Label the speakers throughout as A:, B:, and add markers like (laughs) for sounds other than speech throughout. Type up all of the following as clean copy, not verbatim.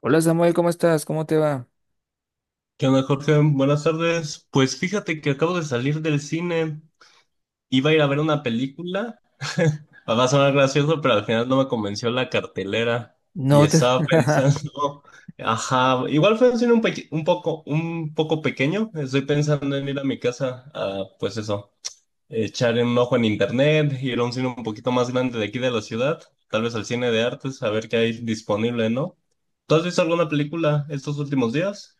A: Hola Samuel, ¿cómo estás? ¿Cómo te va?
B: ¿Qué onda, Jorge? Buenas tardes. Pues fíjate que acabo de salir del cine. Iba a ir a ver una película. (laughs) Va a sonar gracioso, pero al final no me convenció la cartelera. Y
A: No te...
B: estaba
A: (laughs)
B: pensando, (laughs) ajá, igual fue un cine un poco pequeño. Estoy pensando en ir a mi casa a, pues eso, echar un ojo en internet, ir a un cine un poquito más grande de aquí de la ciudad, tal vez al cine de artes, a ver qué hay disponible, ¿no? ¿Tú has visto alguna película estos últimos días?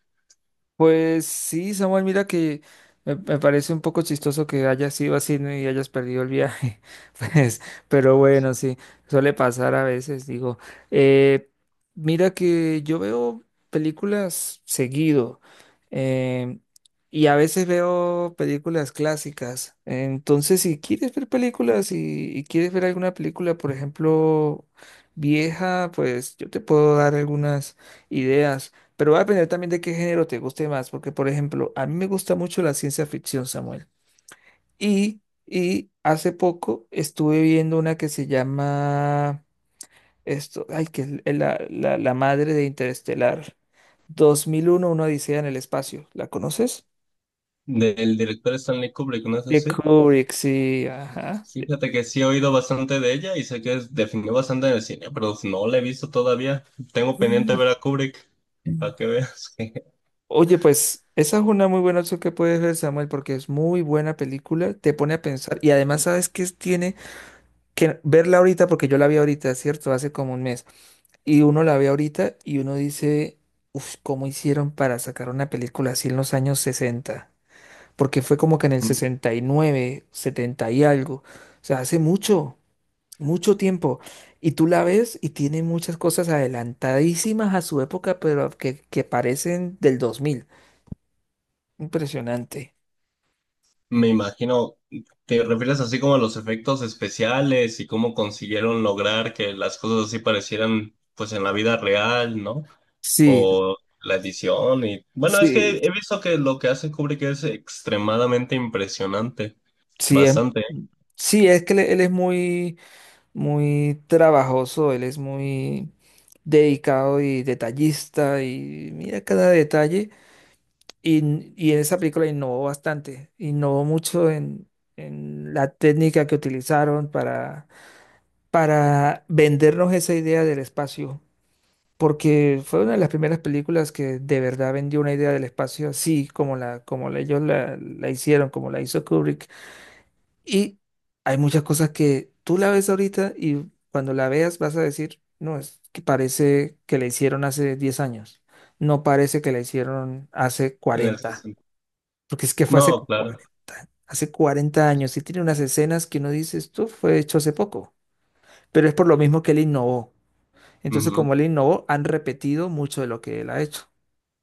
A: Pues sí, Samuel, mira que me parece un poco chistoso que hayas sido así, ¿no?, y hayas perdido el viaje. (laughs) Pues, pero bueno, sí, suele pasar a veces, digo. Eh, mira que yo veo películas seguido em, y a veces veo películas clásicas. Entonces, si quieres ver películas y quieres ver alguna película, por ejemplo, vieja, pues yo te puedo dar algunas ideas. Pero va a depender también de qué género te guste más, porque por ejemplo, a mí me gusta mucho la ciencia ficción, Samuel. Y, y hace poco estuve viendo una que se llama esto, ay, que es la madre de Interestelar, 2001, una odisea en el espacio. ¿La conoces?
B: Del director Stanley Kubrick, ¿no es
A: De
B: así?
A: Kubrick, sí, ajá.
B: Fíjate que sí he oído bastante de ella y sé que definió bastante en el cine, pero no la he visto todavía. Tengo pendiente
A: Mm.
B: ver a Kubrick para que veas.
A: Oye, pues esa es una muy buena opción que puedes ver, Samuel, porque es muy buena película, te pone a pensar y además sabes tiene que verla ahorita, porque yo la vi ahorita, ¿cierto? Hace como un mes. Y uno la ve ahorita y uno dice, uff, ¿cómo hicieron para sacar una película así en los años 60? Porque fue como que en el
B: (laughs)
A: 69, 70 y algo. O sea, hace mucho, mucho tiempo. Y tú la ves y tiene muchas cosas adelantadísimas a su época, pero que parecen del 2000. Impresionante.
B: Me imagino, ¿te refieres así como a los efectos especiales y cómo consiguieron lograr que las cosas así parecieran pues en la vida real, ¿no?
A: Sí,
B: O la edición y bueno, es que
A: sí,
B: he visto que lo que hace Kubrick es extremadamente impresionante,
A: sí,
B: bastante
A: sí, es que él es muy... muy trabajoso, él es muy dedicado y detallista y mira cada detalle. Y en esa película innovó bastante, innovó mucho en la técnica que utilizaron para vendernos esa idea del espacio, porque fue una de las primeras películas que de verdad vendió una idea del espacio así como ellos la hicieron, como la hizo Kubrick. Y hay muchas cosas que tú la ves ahorita y cuando la veas vas a decir, no, es que parece que la hicieron hace 10 años, no parece que la hicieron hace
B: en el
A: 40,
B: sentido.
A: porque es que fue hace
B: No,
A: cuarenta
B: claro.
A: hace cuarenta años y tiene unas escenas que uno dice, esto fue hecho hace poco, pero es por lo mismo que él innovó. Entonces,
B: Ujú.
A: como él innovó, han repetido mucho de lo que él ha hecho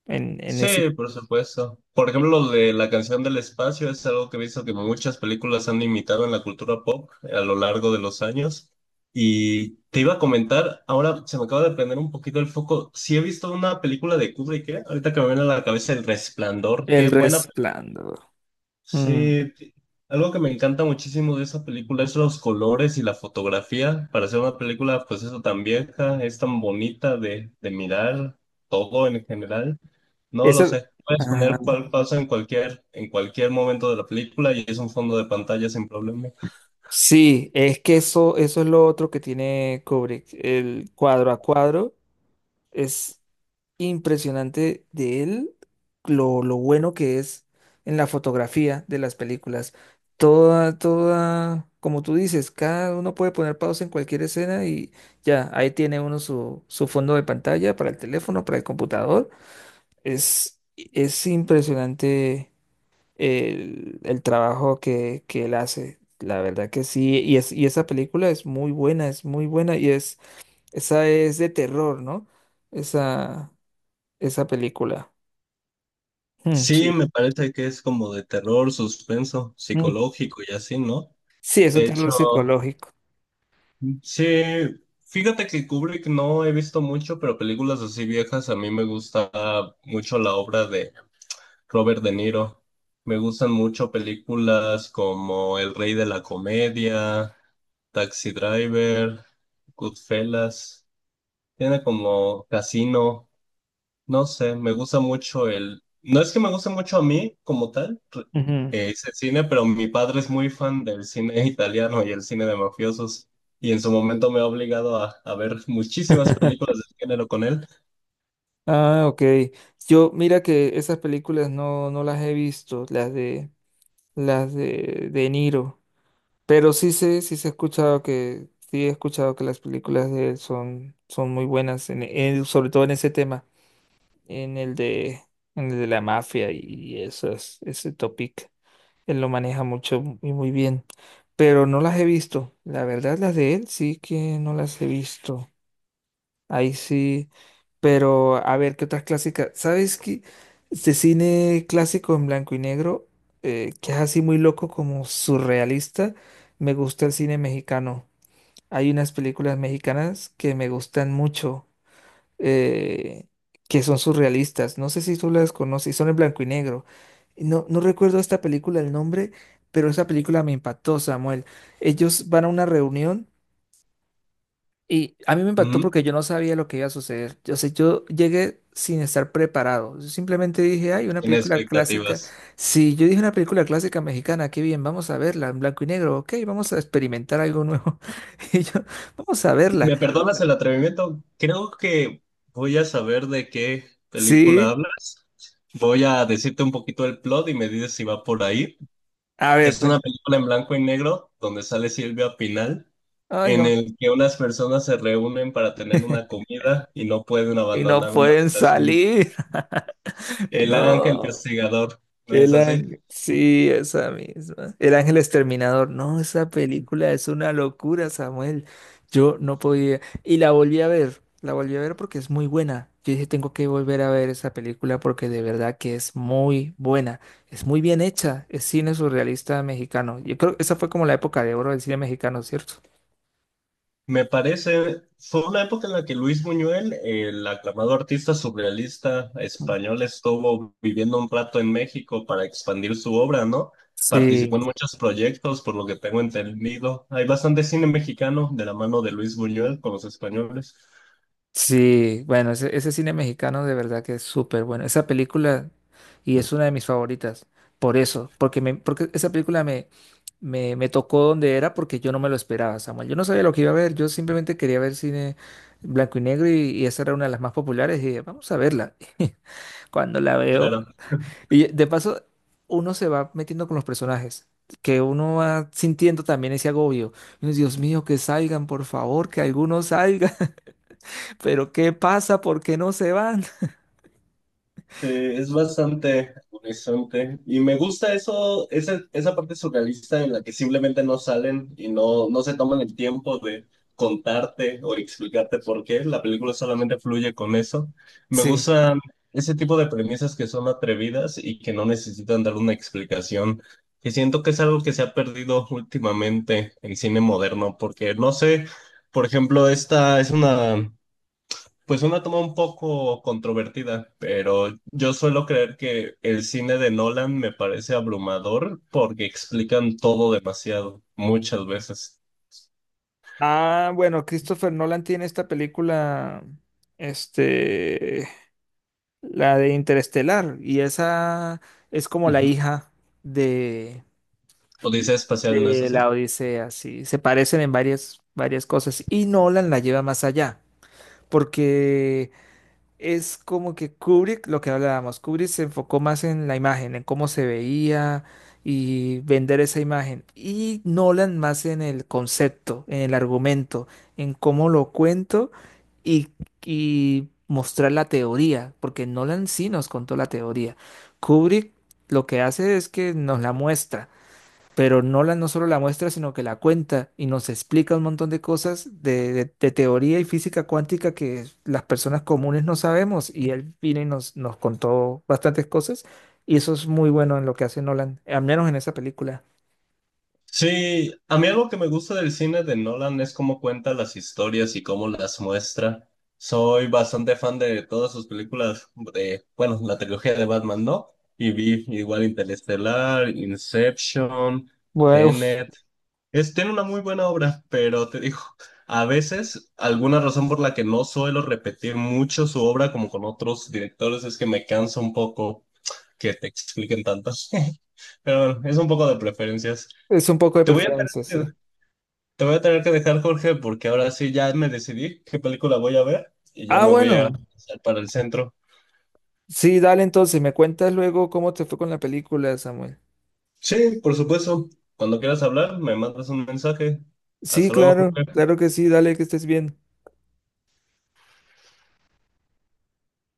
A: en, en ese...
B: Sí, por supuesto. Por ejemplo, lo de la canción del espacio es algo que he visto que muchas películas han imitado en la cultura pop a lo largo de los años. Y te iba a comentar, ahora se me acaba de prender un poquito el foco. Sí he visto una película de Kubrick, ¿eh? Ahorita que me viene a la cabeza El Resplandor. Qué
A: El
B: buena.
A: resplandor. Mm.
B: Sí, ti- Algo que me encanta muchísimo de esa película es los colores y la fotografía. Para ser una película, pues eso tan vieja, es tan bonita de mirar todo en general. No lo
A: Esa...
B: sé. Puedes poner cuál pasa en cualquier momento de la película y es un fondo de pantalla sin problema.
A: Sí, es que eso es lo otro que tiene Kubrick. El cuadro a cuadro es impresionante de él, lo bueno que es en la fotografía de las películas. Toda, toda, como tú dices, cada uno puede poner pausa en cualquier escena y ya, ahí tiene uno su fondo de pantalla para el teléfono, para el computador. Es impresionante el trabajo que él hace. La verdad que sí. Y esa película es muy buena, es muy buena. Esa es de terror, ¿no? Esa, esa película. Mm,
B: Sí,
A: sí.
B: me parece que es como de terror, suspenso,
A: Mm.
B: psicológico y así, ¿no?
A: Sí, es un
B: De hecho.
A: terror psicológico.
B: Sí, fíjate que Kubrick no he visto mucho, pero películas así viejas, a mí me gusta mucho la obra de Robert De Niro. Me gustan mucho películas como El Rey de la Comedia, Taxi Driver, Goodfellas. Tiene como Casino. No sé, me gusta mucho el... No es que me guste mucho a mí como tal,
A: Ujú.
B: ese cine, pero mi padre es muy fan del cine (laughs) italiano y el cine de mafiosos. Y en su momento me ha obligado a ver muchísimas películas
A: (laughs)
B: del género con él.
A: Ah, OK. Yo, mira que esas películas no, no las he visto, las de De Niro. Pero sí sé, sí se ha escuchado que, sí he escuchado que las películas de él son muy buenas, sobre todo en ese tema, en el de, en el de la mafia y ese topic. Él lo maneja mucho y muy bien. Pero no las he visto. La verdad, las de él sí que no las he visto. Ahí sí, pero a ver, ¿qué otras clásicas? ¿Sabes qué? Este cine clásico en blanco y negro, que es así muy loco, como surrealista. Me gusta el cine mexicano. Hay unas películas mexicanas que me gustan mucho, eh, que son surrealistas. No sé si tú las conoces, son en blanco y negro. No, no recuerdo esta película el nombre, pero esa película me impactó, Samuel. Ellos van a una reunión. Y a mí me impactó
B: Ujú,
A: porque yo no sabía lo que iba a suceder. Yo sé, yo llegué sin estar preparado. Yo simplemente dije, ay, una
B: sin
A: película clásica.
B: expectativas.
A: Si yo dije una película clásica mexicana, qué bien, vamos a verla en blanco y negro. OK, vamos a experimentar algo nuevo. (laughs) Y yo, vamos a verla.
B: ¿Me perdonas el atrevimiento? Creo que voy a saber de qué película
A: Sí,
B: hablas. Voy a decirte un poquito el plot y me dices si va por ahí.
A: a ver,
B: Es una
A: cuenta.
B: película en blanco y negro donde sale Silvia Pinal,
A: Ay,
B: en
A: no.
B: el que unas personas se reúnen para tener una
A: (laughs)
B: comida y no pueden
A: Y no
B: abandonar una
A: pueden
B: habitación.
A: salir. (laughs)
B: El ángel
A: No.
B: castigador, ¿no es
A: El
B: así?
A: ángel, sí, esa misma. El ángel exterminador. No, esa película es una locura, Samuel. Yo no podía. Y la volví a ver. La volví a ver porque es muy buena. Yo dije, tengo que volver a ver esa película porque de verdad que es muy buena. Es muy bien hecha. Es cine surrealista mexicano. Yo creo que esa fue como la época de oro del cine mexicano, ¿cierto?
B: Me parece, fue una época en la que Luis Buñuel, el aclamado artista surrealista
A: Mm.
B: español, estuvo viviendo un rato en México para expandir su obra, ¿no? Participó en
A: Sí.
B: muchos proyectos, por lo que tengo entendido. Hay bastante cine mexicano de la mano de Luis Buñuel con los españoles.
A: Sí, bueno, ese cine mexicano de verdad que es súper bueno. Esa película, y es una de mis favoritas, por eso, porque esa película me tocó donde era, porque yo no me lo esperaba, Samuel. Yo no sabía lo que iba a ver, yo simplemente quería ver cine blanco y negro y esa era una de las más populares y dije, vamos a verla (laughs) cuando la veo.
B: Claro.
A: Y de paso, uno se va metiendo con los personajes. Que uno va sintiendo también ese agobio. Y uno dice, Dios mío, que salgan, por favor, que algunos salgan. ¿Pero qué pasa? ¿Por qué no se van? (laughs)
B: Sí, es bastante agonizante y me gusta eso, esa parte surrealista en la que simplemente no salen y no se toman el tiempo de contarte o explicarte por qué, la película solamente fluye con eso. Me
A: Sí.
B: gustan ese tipo de premisas que son atrevidas y que no necesitan dar una explicación, que siento que es algo que se ha perdido últimamente en cine moderno, porque no sé, por ejemplo, esta es una... Pues una toma un poco controvertida, pero yo suelo creer que el cine de Nolan me parece abrumador porque explican todo demasiado, muchas veces.
A: Ah, bueno, Christopher Nolan tiene esta película, este, la de Interestelar, y esa es como la
B: Ujú.
A: hija de,
B: Odisea espacial, ¿no es
A: de
B: así?
A: la Odisea, sí, se parecen en varias cosas, y Nolan la lleva más allá, porque es como que Kubrick, lo que hablábamos, Kubrick se enfocó más en la imagen, en cómo se veía y vender esa imagen. Y Nolan más en el concepto, en el argumento, en cómo lo cuento y, y mostrar la teoría, porque Nolan sí nos contó la teoría. Kubrick lo que hace es que nos la muestra. Pero Nolan no solo la muestra, sino que la cuenta y nos explica un montón de cosas de teoría y física cuántica que las personas comunes no sabemos. Y él vino y nos contó bastantes cosas. Y eso es muy bueno en lo que hace Nolan, al menos en esa película.
B: Sí, a mí algo que me gusta del cine de Nolan es cómo cuenta las historias y cómo las muestra. Soy bastante fan de todas sus películas, de, bueno, la trilogía de Batman, ¿no? Y vi igual Interestelar, Inception,
A: Bueno, uf,
B: Tenet. Es, tiene una muy buena obra, pero te digo, a veces alguna razón por la que no suelo repetir mucho su obra como con otros directores es que me cansa un poco que te expliquen tantas. (laughs) Pero bueno, es un poco de preferencias.
A: es un poco de
B: Te voy a
A: preferencia, sí.
B: tener que, te voy a tener que dejar, Jorge, porque ahora sí ya me decidí qué película voy a ver y ya
A: Ah,
B: me voy a
A: bueno.
B: pasar para el centro.
A: Sí, dale entonces. Me cuentas luego cómo te fue con la película, Samuel.
B: Sí, por supuesto. Cuando quieras hablar, me mandas un mensaje.
A: Sí,
B: Hasta luego,
A: claro,
B: Jorge.
A: claro que sí. Dale, que estés bien.